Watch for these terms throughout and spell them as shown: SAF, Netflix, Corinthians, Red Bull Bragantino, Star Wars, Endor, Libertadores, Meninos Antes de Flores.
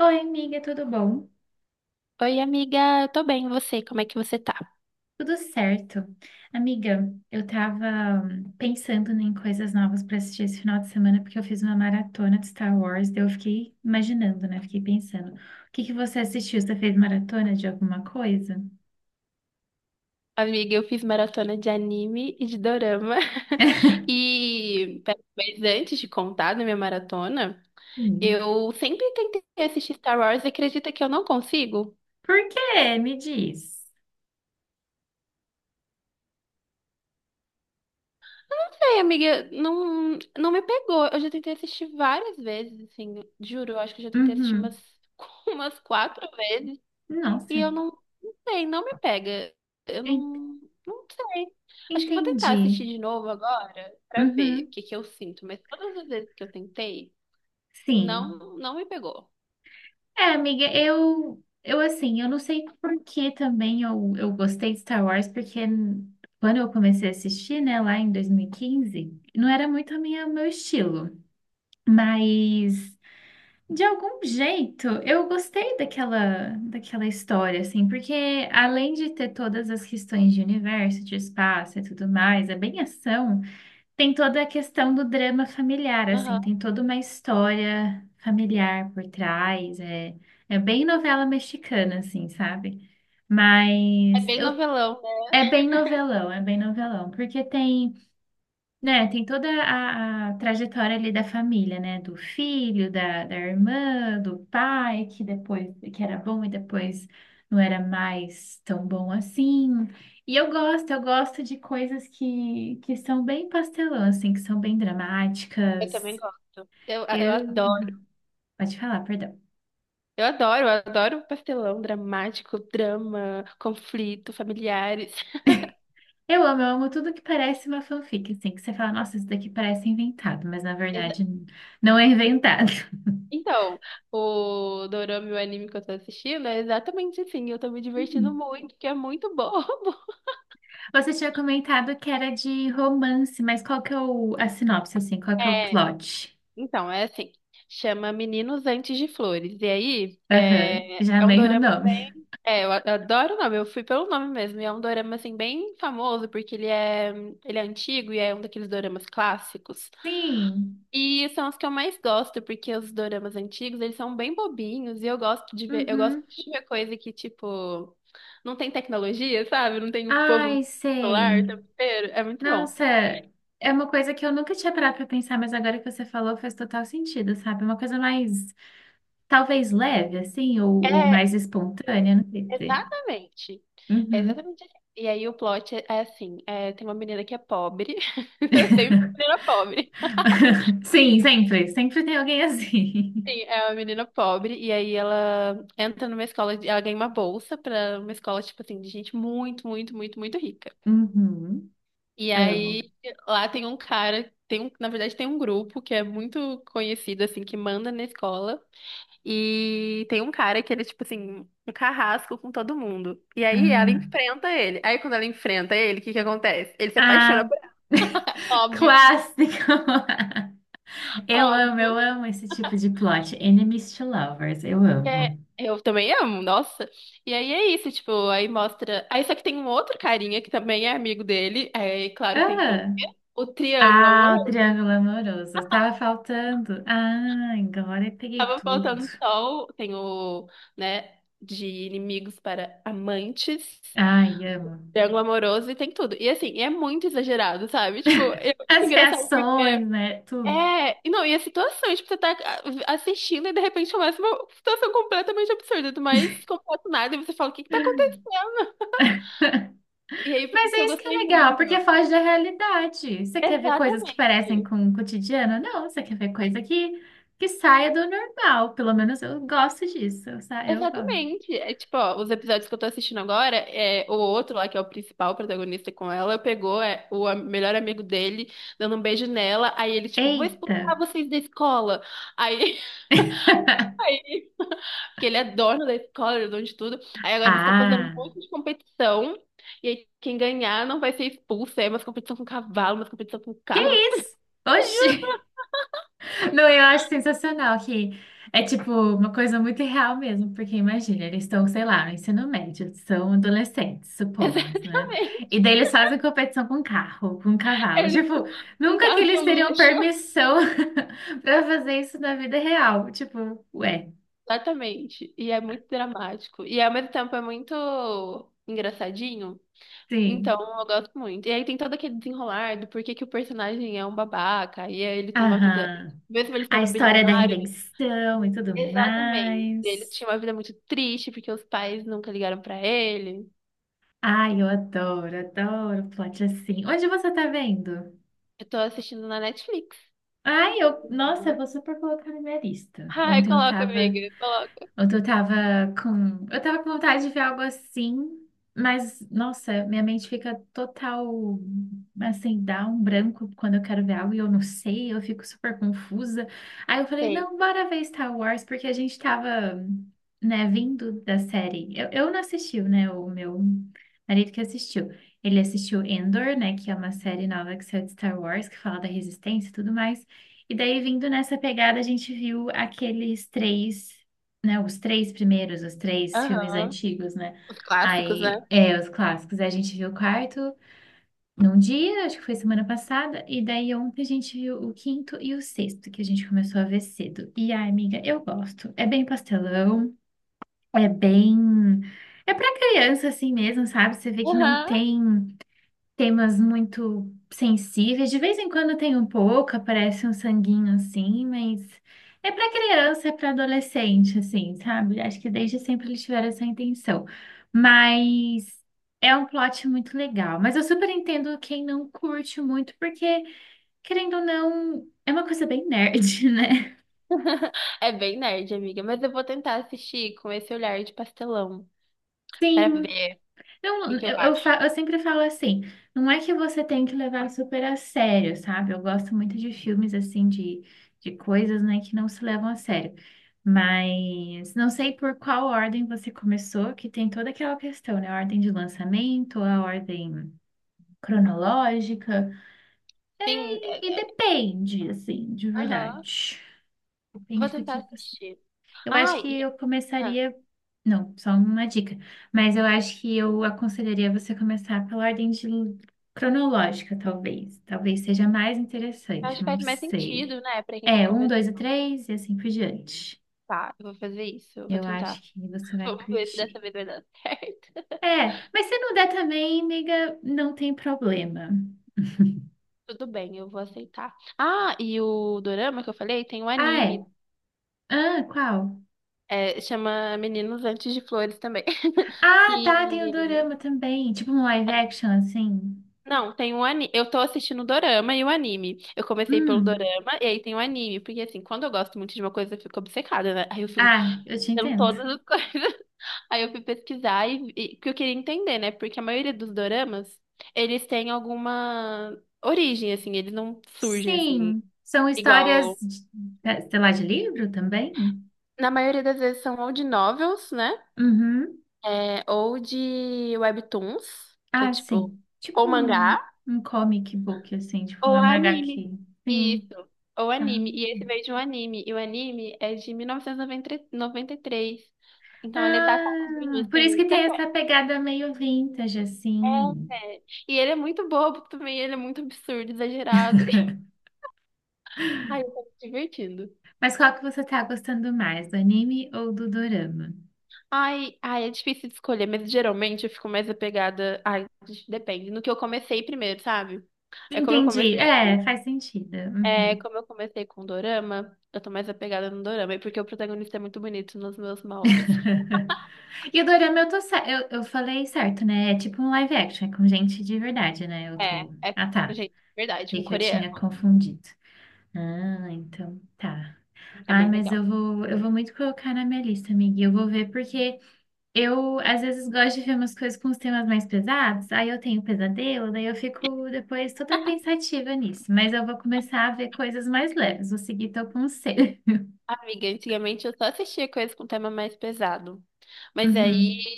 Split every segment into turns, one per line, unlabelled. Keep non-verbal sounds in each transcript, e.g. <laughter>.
Oi, amiga, tudo bom?
Oi, amiga, eu tô bem, e você? Como é que você tá?
Tudo certo. Amiga, eu tava pensando em coisas novas para assistir esse final de semana, porque eu fiz uma maratona de Star Wars, daí eu fiquei imaginando, né? Fiquei pensando. O que que você assistiu? Você fez maratona de alguma coisa?
Amiga, eu fiz maratona de anime e de dorama. <laughs>
<laughs>
E, pera, mas antes de contar da minha maratona,
Sim.
eu sempre tentei assistir Star Wars e acredita que eu não consigo?
Por quê? Me diz.
Ai, amiga, não, não me pegou. Eu já tentei assistir várias vezes, assim, juro, eu acho que eu já tentei assistir umas,
Uhum.
<laughs> umas quatro vezes. E
Nossa,
eu não, não sei, não me pega. Eu
en-
não, não sei. Acho que eu vou tentar assistir
entendi.
de novo agora pra ver o
Uhum.
que que eu sinto. Mas todas as vezes que eu tentei,
Sim.
não, não me pegou.
É, amiga, eu assim, eu não sei por que também eu gostei de Star Wars, porque quando eu comecei a assistir, né, lá em 2015, não era muito a minha, o meu estilo, mas de algum jeito eu gostei daquela história, assim, porque além de ter todas as questões de universo, de espaço e tudo mais, é bem ação, tem toda a questão do drama familiar,
Aham.
assim, tem toda uma história familiar por trás, é, é bem novela mexicana, assim, sabe?
É
Mas
bem
eu,
novelão, né?
é bem novelão, porque tem né, tem toda a trajetória ali da família, né? Do filho, da irmã, do pai, que depois que era bom e depois não era mais tão bom assim. E eu gosto de coisas que são bem pastelão, assim, que são bem
Eu também
dramáticas.
gosto. Eu, eu
Eu,
adoro,
Pode falar, perdão.
eu adoro, eu adoro pastelão dramático, drama, conflito, familiares. <laughs>
Eu amo tudo que parece uma fanfic, assim, que você fala, nossa, isso daqui parece inventado, mas na
Exa-
verdade não é inventado.
Então, o dorama e o anime que eu tô assistindo é exatamente assim. Eu tô me divertindo
<laughs>
muito, porque é muito bobo.
Você tinha comentado que era de romance, mas qual que é o, a sinopse, assim? Qual que é o
<laughs>
plot?
Então, é assim, chama Meninos Antes de Flores. E aí,
Aham,
é,
já
é um
amei o
dorama bem.
nome.
É, eu adoro o nome, eu fui pelo nome mesmo. E é um dorama, assim, bem famoso, porque ele é antigo e é um daqueles doramas clássicos.
<laughs> Sim.
E são os que eu mais gosto, porque os doramas antigos, eles são bem bobinhos. E eu gosto de ver, eu gosto
Uhum.
de ver coisa que, tipo, não tem tecnologia, sabe? Não tem o povo no
Ai,
celular o
sei.
tempo inteiro. É muito bom.
Nossa, é uma coisa que eu nunca tinha parado pra pensar, mas agora que você falou faz total sentido, sabe? Uma coisa mais, talvez leve, assim, ou
É,
mais espontânea, não sei dizer.
exatamente. É
Uhum.
exatamente assim. E aí o plot é assim, é, tem uma menina que é pobre, <laughs> sempre uma menina pobre.
<laughs> Sim, sempre. Sempre tem alguém assim.
Sim,
<laughs>
é uma menina pobre, e aí ela entra numa escola, ela ganha uma bolsa pra uma escola, tipo assim, de gente muito, muito, muito, muito rica.
Uhum.
E
Amo.
aí lá tem um cara, tem um, na verdade tem um grupo que é muito conhecido, assim, que manda na escola. E tem um cara que ele é, tipo assim, um carrasco com todo mundo. E aí ela
Ah.
enfrenta ele. Aí quando ela enfrenta ele, o que que acontece? Ele se apaixona
Ah,
por ela.
<laughs>
Óbvio,
clássico! <laughs>
óbvio.
Eu amo esse tipo de plot. Enemies to lovers, eu
É,
amo.
eu também amo, nossa. E aí é isso, tipo, aí mostra. Aí só que tem um outro carinha que também é amigo dele. É claro que tem que ter o
Ah,
quê? O triângulo, amor.
o triângulo amoroso. Estava faltando. Ah, agora eu peguei
Tava
tudo.
faltando sol. Tem o, né, de inimigos para amantes.
Ai, amo.
Triângulo amoroso e tem tudo. E assim, é muito exagerado, sabe? Tipo, é
<laughs>
muito
As
engraçado porque.
reações, né? Tudo.
É, e não, e as situações, tipo, você tá assistindo e de repente começa uma situação completamente absurda, do mais
<laughs>
completo nada, e você fala, o que que tá acontecendo?
<laughs>
E aí, por
Mas
isso que
é
eu
isso que é
gostei
legal,
muito.
porque foge da realidade. Você quer ver coisas que
Exatamente.
parecem com o cotidiano? Não, você quer ver coisa que saia do normal. Pelo menos eu gosto disso. Eu gosto.
Exatamente. É tipo, ó, os episódios que eu tô assistindo agora, é o outro lá, que é o principal protagonista com ela, pegou é, o melhor amigo dele, dando um beijo nela, aí ele, tipo, vou
Eita!
expulsar vocês da escola. Aí,
<laughs>
<laughs> porque ele é dono da escola, ele é dono de tudo. Aí agora eles estão fazendo um
Ah!
monte de competição. E aí quem ganhar não vai ser expulso. Aí é umas competição com cavalo, umas competição com
Que
carro.
isso? Oxi! Não, eu acho sensacional que é tipo uma coisa muito real mesmo, porque imagina, eles estão, sei lá, no ensino médio, são adolescentes,
<laughs>
supomos, né?
Exatamente.
E daí eles fazem competição com carro, com
É,
cavalo. <laughs>
eles
Tipo,
com um
nunca que
carro de
eles teriam
luxo.
permissão <laughs> para fazer isso na vida real. Tipo, ué,
Exatamente. E é muito dramático. E ao mesmo tempo é muito engraçadinho. Então,
sim.
eu gosto muito. E aí tem todo aquele desenrolar do porquê que o personagem é um babaca. E aí ele tem uma vida.
Aham.
Mesmo ele
A
sendo
história da
bilionário.
redenção e tudo
Exatamente. Ele
mais.
tinha uma vida muito triste porque os pais nunca ligaram pra ele.
Ai, eu adoro, adoro plot assim. Onde você tá vendo?
Eu tô assistindo na Netflix.
Ai, eu, nossa, eu
Uhum.
vou super colocar na minha lista.
Ai, coloca, amiga, coloca.
Ontem eu tava com. Eu tava com vontade de ver algo assim, mas, nossa, minha mente fica total. Assim, dá um branco quando eu quero ver algo e eu não sei, eu fico super confusa. Aí eu falei,
Tem.
não, bora ver Star Wars, porque a gente tava, né, vindo da série. Eu não assisti, né? O meu marido que assistiu. Ele assistiu Endor, né? Que é uma série nova que saiu de Star Wars, que fala da resistência e tudo mais. E daí, vindo nessa pegada, a gente viu os três primeiros, os três filmes
Aham.
antigos, né?
Os clássicos, né?
Aí, é, os clássicos. Aí a gente viu o quarto num dia, acho que foi semana passada, e daí ontem a gente viu o quinto e o sexto, que a gente começou a ver cedo. E ai, amiga, eu gosto. É bem pastelão, é bem. É pra criança assim mesmo, sabe? Você vê que não
Aham.
tem temas muito sensíveis. De vez em quando tem um pouco, aparece um sanguinho assim, mas é para criança, é para adolescente, assim, sabe? Acho que desde sempre eles tiveram essa intenção. Mas é um plot muito legal. Mas eu super entendo quem não curte muito, porque, querendo ou não, é uma coisa bem nerd, <laughs> né?
<laughs> É bem nerd, amiga, mas eu vou tentar assistir com esse olhar de pastelão pra
Sim.
ver o
Não,
que que
eu,
eu
eu,
acho.
fa- eu sempre falo assim, não é que você tem que levar super a sério, sabe? Eu gosto muito de filmes assim, de coisas, né, que não se levam a sério. Mas não sei por qual ordem você começou, que tem toda aquela questão, né? A ordem de lançamento, a ordem cronológica.
Sim,
E depende, assim, de
aham.
verdade.
Vou
Depende do
tentar
que você.
assistir.
Eu acho
Ai,
que
e
eu
ah,
começaria. Não, só uma dica. Mas eu acho que eu aconselharia você começar pela ordem de cronológica, talvez. Talvez seja mais
acho
interessante,
que
não
faz mais
sei.
sentido, né, pra quem tá
É, um,
começando.
dois e três, e assim por diante.
Tá, eu vou fazer isso, eu vou
Eu acho
tentar.
que você vai
Vamos ver se dessa
curtir.
vez vai dar <laughs> certo.
É, mas se não der também, amiga, não tem problema. <laughs>
Tudo bem, eu vou aceitar. Ah, e o dorama que eu falei tem um
Ah,
anime,
é? Ah, qual?
é, chama Meninos Antes de Flores também. <laughs>
Ah, tá, tem o
E
dorama também. Tipo um live action, assim.
não, tem um anime. Eu tô assistindo o dorama e o anime. Eu comecei pelo
Hum.
dorama e aí tem o anime, porque assim, quando eu gosto muito de uma coisa, eu fico obcecada, né? Aí eu fico
Ah, eu te
vendo
entendo.
todas as <laughs> coisas. Aí eu fui pesquisar e que eu queria entender, né? Porque a maioria dos doramas, eles têm alguma origem, assim, eles não surgem assim.
Sim, são histórias,
Igual
sei lá, de livro também?
na maioria das vezes são ou de novels, né?
Uhum.
É, ou de webtoons, que é
Ah,
tipo,
sim. Tipo
ou
um,
mangá,
um comic book, assim, tipo um
ou anime.
MHQ. Sim.
Isso, ou
Ah.
anime. E esse veio de um anime. E o anime é de mil novecentos e noventa e três. Então ele é datadinho,
Ah, por isso que
assim. Você
tem
conhece?
essa pegada meio vintage, assim.
É, é. E ele é muito bobo também, ele é muito absurdo, exagerado. <laughs>
<laughs>
Ai, eu tô me divertindo.
Mas qual que você tá gostando mais, do anime ou do dorama?
Ai, ai, é difícil de escolher, mas geralmente eu fico mais apegada. Ai, depende. No que eu comecei primeiro, sabe? É como eu
Entendi.
comecei
É,
com.
faz sentido.
É
Uhum.
como eu comecei com Dorama, eu tô mais apegada no Dorama, e porque o protagonista é muito bonito nos meus moldes.
<laughs> E o dorama eu tô. Eu falei certo, né? É tipo um live action, é com gente de verdade, né? Eu
É,
tô.
é,
Ah, tá.
gente, verdade,
E
com
que eu tinha
coreano.
confundido. Ah, então tá.
É
Ah,
bem
mas
legal.
eu vou muito colocar na minha lista, amiga. Eu vou ver porque eu às vezes gosto de ver umas coisas com os temas mais pesados. Aí eu tenho pesadelo, daí eu fico depois toda pensativa nisso. Mas eu vou começar a ver coisas mais leves. Vou seguir teu conselho. <laughs>
Amiga, antigamente eu só assistia coisas com tema mais pesado. Mas aí
Uhum.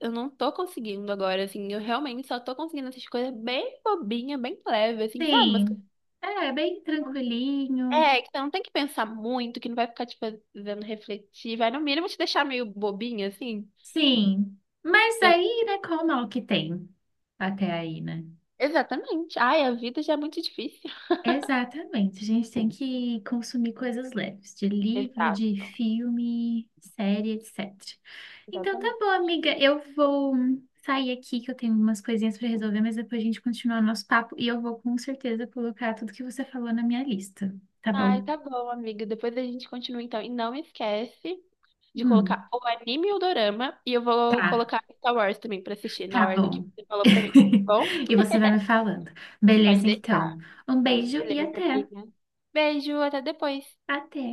eu não tô conseguindo agora, assim, eu realmente só tô conseguindo assistir coisa bem bobinha, bem leve, assim, sabe? Umas,
Sim. É, bem tranquilinho.
é, que você não tem que pensar muito, que não vai ficar te fazendo refletir, vai no mínimo te deixar meio bobinha, assim.
Sim, mas
Eu...
aí, né, qual o mal que tem até aí, né?
Exatamente. Ai, a vida já é muito difícil.
Exatamente, a gente tem que consumir coisas leves, de
<laughs>
livro, de
Exato,
filme, série, etc. Então tá
exatamente.
bom, amiga, eu vou sair aqui que eu tenho umas coisinhas para resolver, mas depois a gente continua o nosso papo e eu vou com certeza colocar tudo que você falou na minha lista, tá
Ai,
bom?
tá bom, amiga. Depois a gente continua então. E não esquece de colocar
Hum,
o anime e o dorama. E eu vou
tá,
colocar Star Wars também pra assistir na
tá
ordem que
bom.
você falou pra mim. Tá
<laughs>
bom?
E você vai me falando.
Pode
Beleza, então.
deixar.
Um beijo e
Beleza,
até.
amiga. Beijo, até depois.
Até.